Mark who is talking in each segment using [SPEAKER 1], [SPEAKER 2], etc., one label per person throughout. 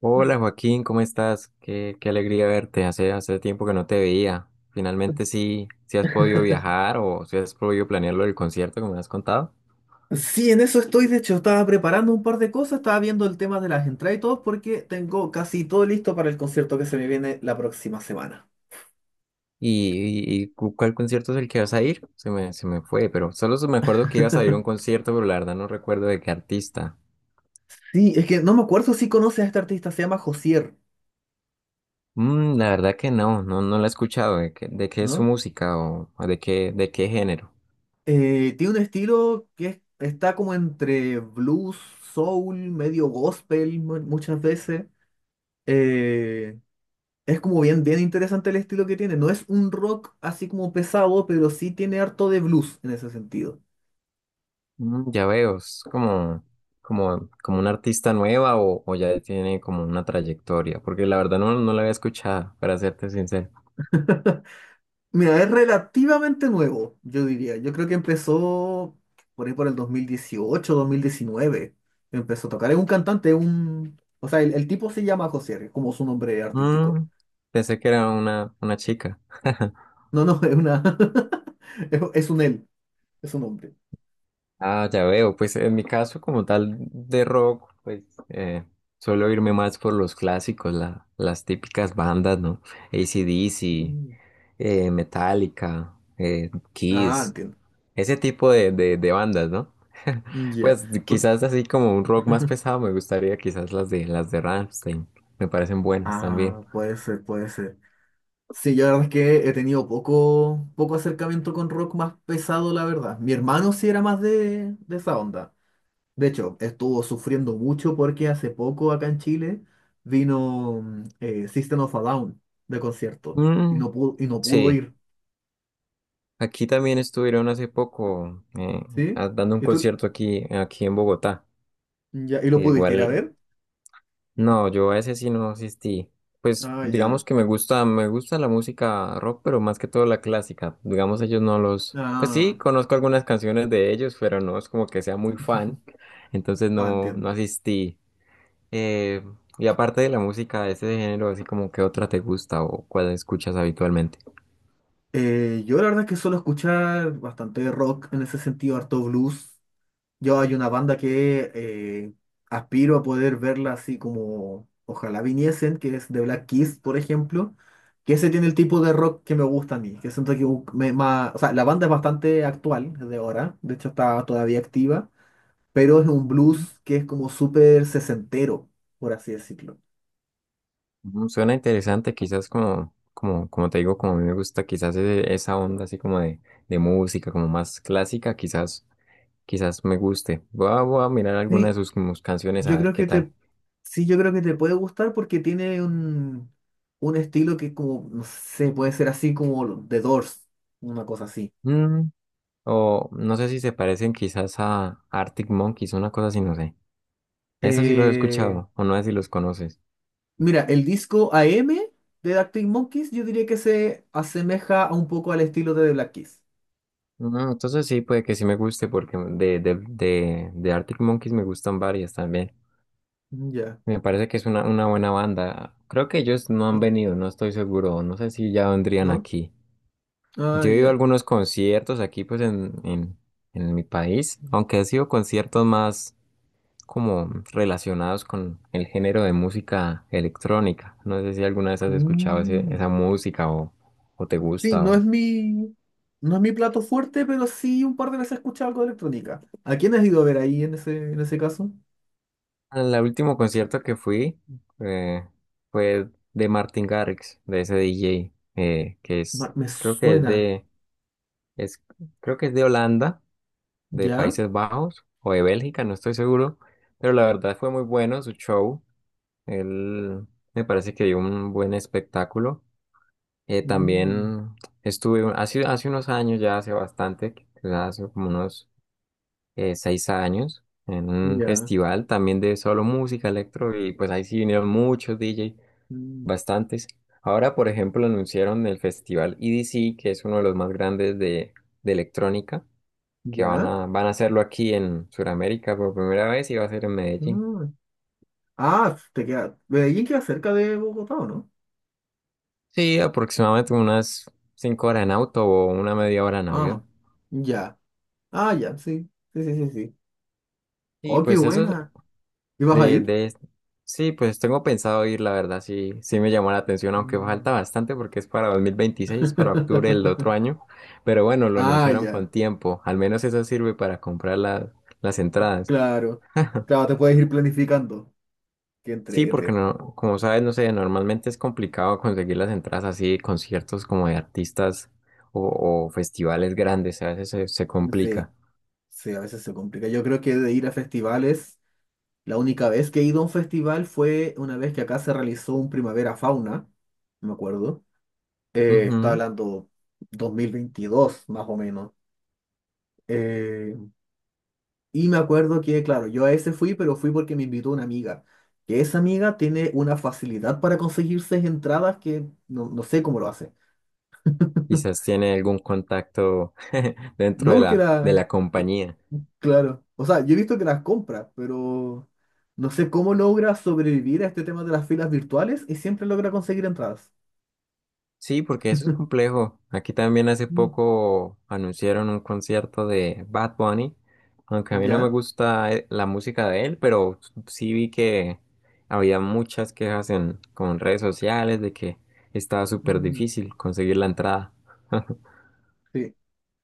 [SPEAKER 1] Hola Joaquín, ¿cómo estás? Qué alegría verte. Hace tiempo que no te veía. Finalmente sí has podido viajar o si has podido planear lo del concierto que me has contado.
[SPEAKER 2] Sí, en eso estoy. De hecho, estaba preparando un par de cosas, estaba viendo el tema de las entradas y todo, porque tengo casi todo listo para el concierto que se me viene la próxima semana.
[SPEAKER 1] ¿Y, cuál concierto es el que vas a ir? Se me fue, pero solo me acuerdo que ibas a ir a un concierto, pero la verdad no recuerdo de qué artista.
[SPEAKER 2] Sí, es que no me acuerdo si conoces a este artista, se llama Josier,
[SPEAKER 1] La verdad que no, no, no la he escuchado. ¿De qué es su
[SPEAKER 2] ¿no?
[SPEAKER 1] música o de qué género?
[SPEAKER 2] Tiene un estilo que está como entre blues, soul, medio gospel muchas veces. Eh, es como bien interesante el estilo que tiene. No es un rock así como pesado, pero sí tiene harto de blues en ese sentido.
[SPEAKER 1] Ya veo. Es como una artista nueva, o ya tiene como una trayectoria, porque la verdad no la había escuchado, para serte sincero.
[SPEAKER 2] Mira, es relativamente nuevo, yo diría. Yo creo que empezó por ahí por el 2018, 2019. Empezó a tocar. Es un cantante, un... O sea, el tipo se llama José, R, como su nombre artístico.
[SPEAKER 1] Mm, Pensé que era una chica.
[SPEAKER 2] No, es una... es un él, es un hombre.
[SPEAKER 1] Ah, ya veo. Pues en mi caso como tal de rock, pues eh, suelo irme más por los clásicos, las típicas bandas, ¿no? AC/DC,
[SPEAKER 2] Mm.
[SPEAKER 1] Metallica,
[SPEAKER 2] Ah,
[SPEAKER 1] Kiss.
[SPEAKER 2] entiendo.
[SPEAKER 1] Ese tipo de bandas, ¿no?
[SPEAKER 2] Mm, ya.
[SPEAKER 1] Pues
[SPEAKER 2] Por-
[SPEAKER 1] quizás así como un rock más pesado, me gustaría quizás las de Rammstein. Me parecen buenas también.
[SPEAKER 2] Ah, puede ser, puede ser. Sí, yo la verdad es que he tenido poco acercamiento con rock más pesado, la verdad. Mi hermano sí era más de esa onda. De hecho, estuvo sufriendo mucho porque hace poco acá en Chile vino System of a Down de concierto
[SPEAKER 1] Mm,
[SPEAKER 2] y no pudo
[SPEAKER 1] sí,
[SPEAKER 2] ir,
[SPEAKER 1] aquí también estuvieron hace poco,
[SPEAKER 2] ¿sí?
[SPEAKER 1] dando un
[SPEAKER 2] ¿Y tú?
[SPEAKER 1] concierto aquí en Bogotá.
[SPEAKER 2] Ya, ¿y lo pudiste ir a
[SPEAKER 1] Igual,
[SPEAKER 2] ver?
[SPEAKER 1] no, yo a ese sí no asistí. Pues
[SPEAKER 2] Ah, ya.
[SPEAKER 1] digamos que me gusta la música rock, pero más que todo la clásica. Digamos ellos no los, pues sí,
[SPEAKER 2] Ah,
[SPEAKER 1] conozco algunas canciones de ellos, pero no es como que sea muy fan, entonces
[SPEAKER 2] ah,
[SPEAKER 1] no, no
[SPEAKER 2] entiendo.
[SPEAKER 1] asistí. Eh, y aparte de la música de ese género, así como que otra te gusta o cuál escuchas habitualmente.
[SPEAKER 2] Yo la verdad es que suelo escuchar bastante rock en ese sentido, harto blues. Yo hay una banda que aspiro a poder verla así como ojalá viniesen, que es The Black Keys, por ejemplo, que ese tiene el tipo de rock que me gusta a mí, que siento que o sea, la banda es bastante actual, es de ahora, de hecho está todavía activa, pero es un blues que es como súper sesentero, por así decirlo.
[SPEAKER 1] Suena interesante, quizás como te digo, como a mí me gusta quizás esa onda así como de música, como más clásica, quizás. Quizás me guste. Voy a mirar alguna de
[SPEAKER 2] Sí,
[SPEAKER 1] sus como canciones a
[SPEAKER 2] yo
[SPEAKER 1] ver
[SPEAKER 2] creo
[SPEAKER 1] qué
[SPEAKER 2] que
[SPEAKER 1] tal.
[SPEAKER 2] te, sí, yo creo que te puede gustar porque tiene un estilo que como, no sé, puede ser así como The Doors, una cosa así.
[SPEAKER 1] Mm, o no sé si se parecen quizás a Arctic Monkeys, una cosa así, no sé. Eso sí lo he
[SPEAKER 2] Eh,
[SPEAKER 1] escuchado, o no sé si los conoces.
[SPEAKER 2] Mira, el disco AM de Arctic Monkeys yo diría que se asemeja a un poco al estilo de The Black Keys.
[SPEAKER 1] Entonces sí, puede que sí me guste porque de Arctic Monkeys me gustan varias también.
[SPEAKER 2] Mm, ya,
[SPEAKER 1] Me parece que es una buena banda. Creo que ellos no han
[SPEAKER 2] sí,
[SPEAKER 1] venido, no estoy seguro. No sé si ya vendrían
[SPEAKER 2] ¿no?
[SPEAKER 1] aquí.
[SPEAKER 2] Ah,
[SPEAKER 1] Yo he ido a
[SPEAKER 2] ya.
[SPEAKER 1] algunos conciertos aquí, pues en mi país, aunque ha sido conciertos más como relacionados con el género de música electrónica. No sé si alguna vez has escuchado
[SPEAKER 2] Mm.
[SPEAKER 1] esa música, o te
[SPEAKER 2] Sí,
[SPEAKER 1] gusta.
[SPEAKER 2] no es mi, no es mi plato fuerte, pero sí un par de veces he escuchado algo de electrónica. ¿A quién has ido a ver ahí en en ese caso?
[SPEAKER 1] El último concierto que fui, eh, fue de Martin Garrix, de ese DJ, que es,
[SPEAKER 2] Ma- Me
[SPEAKER 1] creo que es
[SPEAKER 2] suena.
[SPEAKER 1] de, es, creo que es de Holanda, de
[SPEAKER 2] ¿Ya?
[SPEAKER 1] Países Bajos o de Bélgica, no estoy seguro, pero la verdad fue muy bueno su show. Él me parece que dio un buen espectáculo.
[SPEAKER 2] Mm,
[SPEAKER 1] También estuve hace unos años, ya hace bastante, quizás hace como unos 6 años, en un
[SPEAKER 2] ya.
[SPEAKER 1] festival también de solo música electro y pues ahí sí vinieron muchos DJ,
[SPEAKER 2] Mm,
[SPEAKER 1] bastantes. Ahora, por ejemplo, anunciaron el festival EDC, que es uno de los más grandes de electrónica, que van
[SPEAKER 2] ya.
[SPEAKER 1] a, van a hacerlo aquí en Sudamérica por primera vez y va a ser en Medellín.
[SPEAKER 2] Ah, ah, te queda. Medellín queda cerca de Bogotá, ¿o no?
[SPEAKER 1] Sí, aproximadamente unas 5 horas en auto o una media hora en
[SPEAKER 2] Ah,
[SPEAKER 1] avión.
[SPEAKER 2] ya. Ah, ya, sí. Sí.
[SPEAKER 1] Y
[SPEAKER 2] Oh, qué
[SPEAKER 1] pues eso.
[SPEAKER 2] buena. ¿Y vas a
[SPEAKER 1] De,
[SPEAKER 2] ir?
[SPEAKER 1] de, sí, pues tengo pensado ir, la verdad, sí me llamó la atención, aunque falta
[SPEAKER 2] Mm.
[SPEAKER 1] bastante porque es para 2026, para octubre del otro año, pero bueno, lo
[SPEAKER 2] Ah,
[SPEAKER 1] anunciaron
[SPEAKER 2] ya.
[SPEAKER 1] con tiempo, al menos eso sirve para comprar las entradas.
[SPEAKER 2] Claro. Claro, te puedes ir planificando. Qué
[SPEAKER 1] Sí, porque
[SPEAKER 2] entrete.
[SPEAKER 1] no, como sabes, no sé, normalmente es complicado conseguir las entradas así, de conciertos como de artistas o festivales grandes, a veces se
[SPEAKER 2] Sí,
[SPEAKER 1] complica.
[SPEAKER 2] sí, a veces se complica. Yo creo que de ir a festivales, la única vez que he ido a un festival fue una vez que acá se realizó un Primavera Fauna, no me acuerdo. Estaba
[SPEAKER 1] Ujú.
[SPEAKER 2] hablando 2022, más o menos. Eh, Y me acuerdo que, claro, yo a ese fui, pero fui porque me invitó una amiga. Que esa amiga tiene una facilidad para conseguirse entradas que no sé cómo lo hace.
[SPEAKER 1] Quizás tiene algún contacto dentro
[SPEAKER 2] No
[SPEAKER 1] de
[SPEAKER 2] porque
[SPEAKER 1] la, de
[SPEAKER 2] la...
[SPEAKER 1] la compañía.
[SPEAKER 2] Claro. O sea, yo he visto que las compra, pero no sé cómo logra sobrevivir a este tema de las filas virtuales y siempre logra conseguir entradas.
[SPEAKER 1] Sí, porque eso es complejo. Aquí también hace
[SPEAKER 2] Mm.
[SPEAKER 1] poco anunciaron un concierto de Bad Bunny, aunque a mí no me
[SPEAKER 2] ¿Ya?
[SPEAKER 1] gusta, la música de él, pero sí vi que había muchas quejas en con redes sociales de que estaba súper
[SPEAKER 2] Mm,
[SPEAKER 1] difícil conseguir la entrada.
[SPEAKER 2] sí.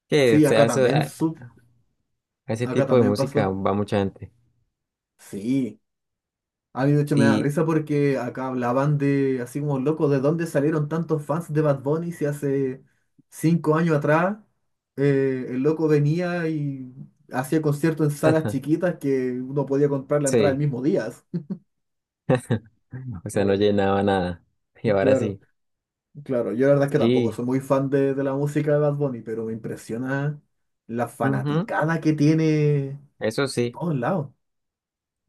[SPEAKER 1] Que, o
[SPEAKER 2] Sí,
[SPEAKER 1] sea,
[SPEAKER 2] acá también,
[SPEAKER 1] a a ese
[SPEAKER 2] acá
[SPEAKER 1] tipo de
[SPEAKER 2] también
[SPEAKER 1] música
[SPEAKER 2] pasó.
[SPEAKER 1] va mucha gente.
[SPEAKER 2] Sí. A mí de hecho me da
[SPEAKER 1] Y,
[SPEAKER 2] risa porque acá hablaban de, así como loco, de dónde salieron tantos fans de Bad Bunny si hace 5 años atrás el loco venía y hacía conciertos en salas chiquitas que uno podía comprar la entrada el
[SPEAKER 1] sí,
[SPEAKER 2] mismo día.
[SPEAKER 1] o sea, no
[SPEAKER 2] Uy,
[SPEAKER 1] llenaba nada. Y ahora
[SPEAKER 2] claro,
[SPEAKER 1] sí.
[SPEAKER 2] claro. Yo la verdad es que tampoco
[SPEAKER 1] Sí,
[SPEAKER 2] soy muy fan de la música de Bad Bunny, pero me impresiona la
[SPEAKER 1] ujú,
[SPEAKER 2] fanaticada que tiene
[SPEAKER 1] eso sí.
[SPEAKER 2] por todos lados.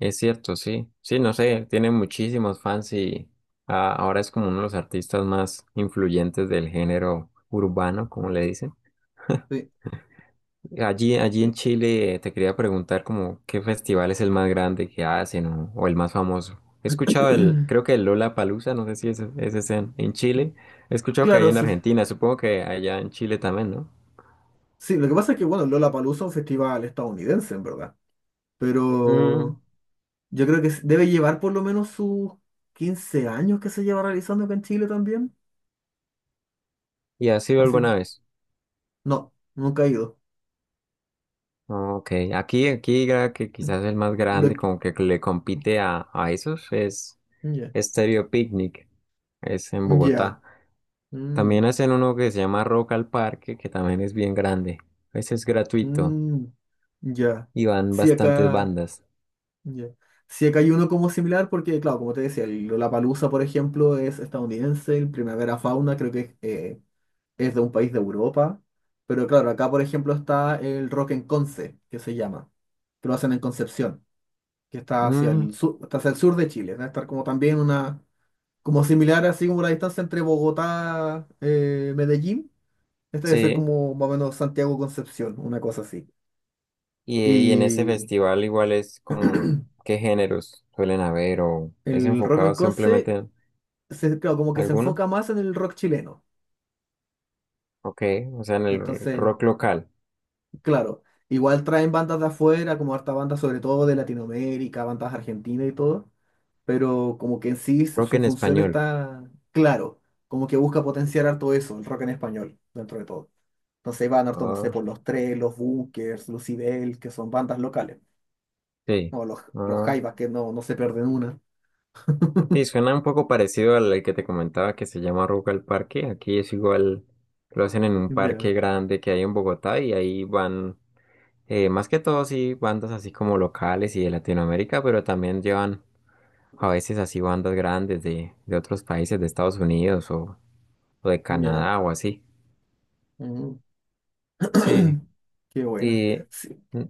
[SPEAKER 1] Es cierto, sí. Sí, no sé, tiene muchísimos fans y, ahora es como uno de los artistas más influyentes del género urbano, como le dicen.
[SPEAKER 2] Sí,
[SPEAKER 1] Allí en
[SPEAKER 2] sí.
[SPEAKER 1] Chile, te quería preguntar como qué festival es el más grande que hacen o el más famoso. He escuchado creo que el Lollapalooza, no sé si ese es en Chile. He escuchado que hay
[SPEAKER 2] Claro,
[SPEAKER 1] en
[SPEAKER 2] sí.
[SPEAKER 1] Argentina, supongo que allá en Chile también, ¿no?
[SPEAKER 2] Sí, lo que pasa es que, bueno, Lollapalooza es un festival estadounidense, en verdad.
[SPEAKER 1] Mm,
[SPEAKER 2] Pero yo creo que debe llevar por lo menos sus 15 años que se lleva realizando acá en Chile también.
[SPEAKER 1] ¿Y has ido
[SPEAKER 2] Así
[SPEAKER 1] alguna
[SPEAKER 2] que
[SPEAKER 1] vez?
[SPEAKER 2] no, nunca he ido.
[SPEAKER 1] Ah, ok, aquí ya que quizás el más grande
[SPEAKER 2] Lo que-
[SPEAKER 1] como que le compite a esos es
[SPEAKER 2] ya,
[SPEAKER 1] Stereo Picnic, es en
[SPEAKER 2] ya,
[SPEAKER 1] Bogotá.
[SPEAKER 2] mm,
[SPEAKER 1] También hacen uno que se llama Rock al Parque, que también es bien grande. Ese es gratuito
[SPEAKER 2] mm, ya.
[SPEAKER 1] y van
[SPEAKER 2] Sí,
[SPEAKER 1] bastantes
[SPEAKER 2] acá,
[SPEAKER 1] bandas.
[SPEAKER 2] ya. Sí, acá hay uno como similar porque, claro, como te decía, el Lollapalooza, por ejemplo, es estadounidense, el Primavera Fauna creo que es de un país de Europa, pero claro, acá por ejemplo está el Rock en Conce, que se llama, que lo hacen en Concepción, que está hacia
[SPEAKER 1] Mm,
[SPEAKER 2] el sur, está hacia el sur de Chile. Debe estar como también una, como similar así como la distancia entre Bogotá, Medellín. Este debe ser
[SPEAKER 1] sí,
[SPEAKER 2] como más o menos Santiago Concepción, una cosa así.
[SPEAKER 1] y, y en ese
[SPEAKER 2] Y
[SPEAKER 1] festival igual es como, ¿qué géneros suelen haber o es
[SPEAKER 2] el rock en
[SPEAKER 1] enfocado simplemente
[SPEAKER 2] Conce,
[SPEAKER 1] en
[SPEAKER 2] se, claro, como que se
[SPEAKER 1] alguno?
[SPEAKER 2] enfoca más en el rock chileno.
[SPEAKER 1] Ok, o sea, en el
[SPEAKER 2] Entonces,
[SPEAKER 1] rock local,
[SPEAKER 2] claro, igual traen bandas de afuera, como harta bandas sobre todo de Latinoamérica, bandas argentinas y todo, pero como que en sí
[SPEAKER 1] rock
[SPEAKER 2] su
[SPEAKER 1] en
[SPEAKER 2] función
[SPEAKER 1] español.
[SPEAKER 2] está claro, como que busca potenciar harto eso, el rock en español, dentro de todo. No sé, Banorton, no sé,
[SPEAKER 1] Ah,
[SPEAKER 2] por los tres, los Bunkers, Lucibel, que son bandas locales.
[SPEAKER 1] sí.
[SPEAKER 2] O los
[SPEAKER 1] Ah,
[SPEAKER 2] Jaivas, que no se pierden una.
[SPEAKER 1] sí, suena un poco parecido al que te comentaba que se llama Ruca el Parque. Aquí es igual, lo hacen en un
[SPEAKER 2] Ya,
[SPEAKER 1] parque grande que hay en Bogotá y ahí van, más que todo, sí, bandas así como locales y de Latinoamérica, pero también llevan a veces así bandas grandes de otros países, de Estados Unidos o de
[SPEAKER 2] ya.
[SPEAKER 1] Canadá o así.
[SPEAKER 2] Mm.
[SPEAKER 1] Sí,
[SPEAKER 2] Qué buena.
[SPEAKER 1] y
[SPEAKER 2] Sí.
[SPEAKER 1] n-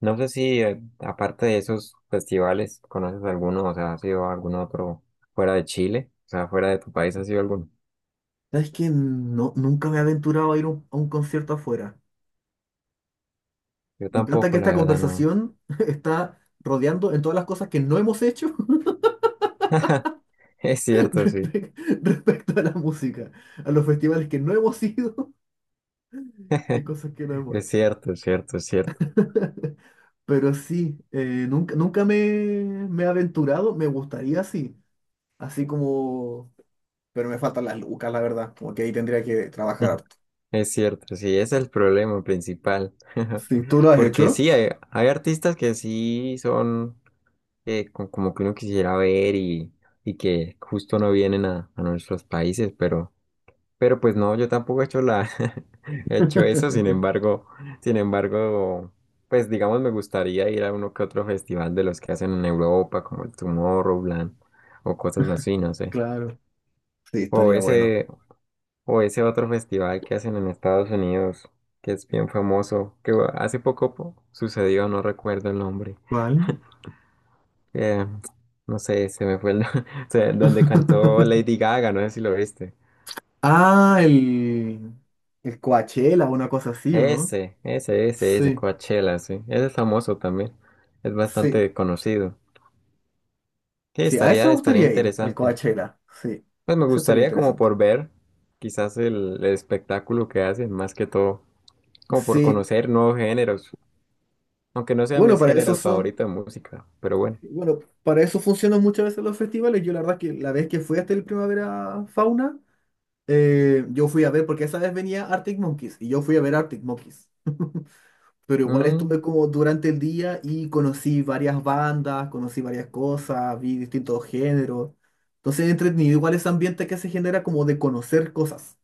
[SPEAKER 1] no sé si, aparte de esos festivales, ¿conoces alguno? O sea, ¿has ido a algún otro fuera de Chile? O sea, fuera de tu país, ¿has ido a alguno?
[SPEAKER 2] ¿Sabes que no, nunca me he aventurado a ir a a un concierto afuera.
[SPEAKER 1] Yo
[SPEAKER 2] Me encanta que
[SPEAKER 1] tampoco, la
[SPEAKER 2] esta
[SPEAKER 1] verdad, no.
[SPEAKER 2] conversación está rodeando en todas las cosas que no hemos hecho
[SPEAKER 1] Es cierto, sí.
[SPEAKER 2] respe- respecto a la música, a los festivales que no hemos ido y cosas que no hemos
[SPEAKER 1] Es
[SPEAKER 2] hecho.
[SPEAKER 1] cierto, es cierto, es cierto.
[SPEAKER 2] Pero sí, nunca me he aventurado, me gustaría sí así como, pero me faltan las lucas, la verdad, como que ahí tendría que trabajar harto.
[SPEAKER 1] Es cierto, sí, ese es el problema principal.
[SPEAKER 2] Sí, ¿tú lo has
[SPEAKER 1] Porque
[SPEAKER 2] hecho?
[SPEAKER 1] sí, hay artistas que sí son, como que uno quisiera ver y que justo no vienen a nuestros países, pero pues no, yo tampoco he hecho eso. sin embargo, sin embargo, pues digamos me gustaría ir a uno que otro festival de los que hacen en Europa, como el Tomorrowland o cosas así, no sé.
[SPEAKER 2] Claro, sí,
[SPEAKER 1] O
[SPEAKER 2] estaría bueno.
[SPEAKER 1] ese, o ese otro festival que hacen en Estados Unidos, que es bien famoso, que hace poco sucedió, no recuerdo el nombre.
[SPEAKER 2] ¿Cuál?
[SPEAKER 1] Eh, no sé, se me fue el nombre. Donde cantó Lady Gaga, no sé si lo viste.
[SPEAKER 2] Ah, el Coachella, una cosa así, ¿o no?
[SPEAKER 1] Ese
[SPEAKER 2] Sí,
[SPEAKER 1] Coachella, sí. Ese es famoso también. Es
[SPEAKER 2] sí,
[SPEAKER 1] bastante conocido. Sí,
[SPEAKER 2] sí, a ese
[SPEAKER 1] estaría,
[SPEAKER 2] me
[SPEAKER 1] estaría
[SPEAKER 2] gustaría ir, al
[SPEAKER 1] interesante.
[SPEAKER 2] Coachella, sí,
[SPEAKER 1] Pues me
[SPEAKER 2] eso estaría
[SPEAKER 1] gustaría como
[SPEAKER 2] interesante.
[SPEAKER 1] por ver quizás el espectáculo que hacen, más que todo, como por
[SPEAKER 2] Sí,
[SPEAKER 1] conocer nuevos géneros. Aunque no sea mi
[SPEAKER 2] bueno, para eso
[SPEAKER 1] género
[SPEAKER 2] son...
[SPEAKER 1] favorito de música, pero bueno.
[SPEAKER 2] Bueno, para eso funcionan muchas veces los festivales. Yo la verdad que la vez que fui hasta el Primavera Fauna, yo fui a ver, porque esa vez venía Arctic Monkeys, y yo fui a ver Arctic Monkeys. Pero igual
[SPEAKER 1] Mm,
[SPEAKER 2] estuve como durante el día y conocí varias bandas, conocí varias cosas, vi distintos géneros. Entonces entretenido igual ese ambiente que se genera como de conocer cosas.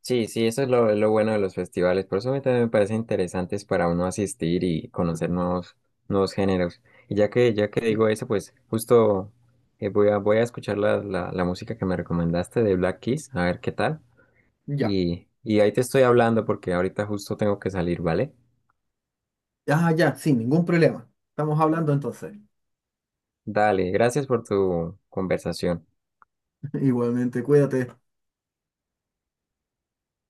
[SPEAKER 1] sí, sí, eso es lo bueno de los festivales. Por eso a mí también me parecen interesantes para uno asistir y conocer nuevos géneros. Y ya que
[SPEAKER 2] ¿Sí?
[SPEAKER 1] digo eso, pues justo, voy a escuchar la música que me recomendaste de Black Keys, a ver qué tal.
[SPEAKER 2] Ya.
[SPEAKER 1] Y ahí te estoy hablando porque ahorita justo tengo que salir, ¿vale?
[SPEAKER 2] Ah, ya, sin ningún problema. Estamos hablando entonces.
[SPEAKER 1] Dale, gracias por tu conversación.
[SPEAKER 2] Igualmente, cuídate.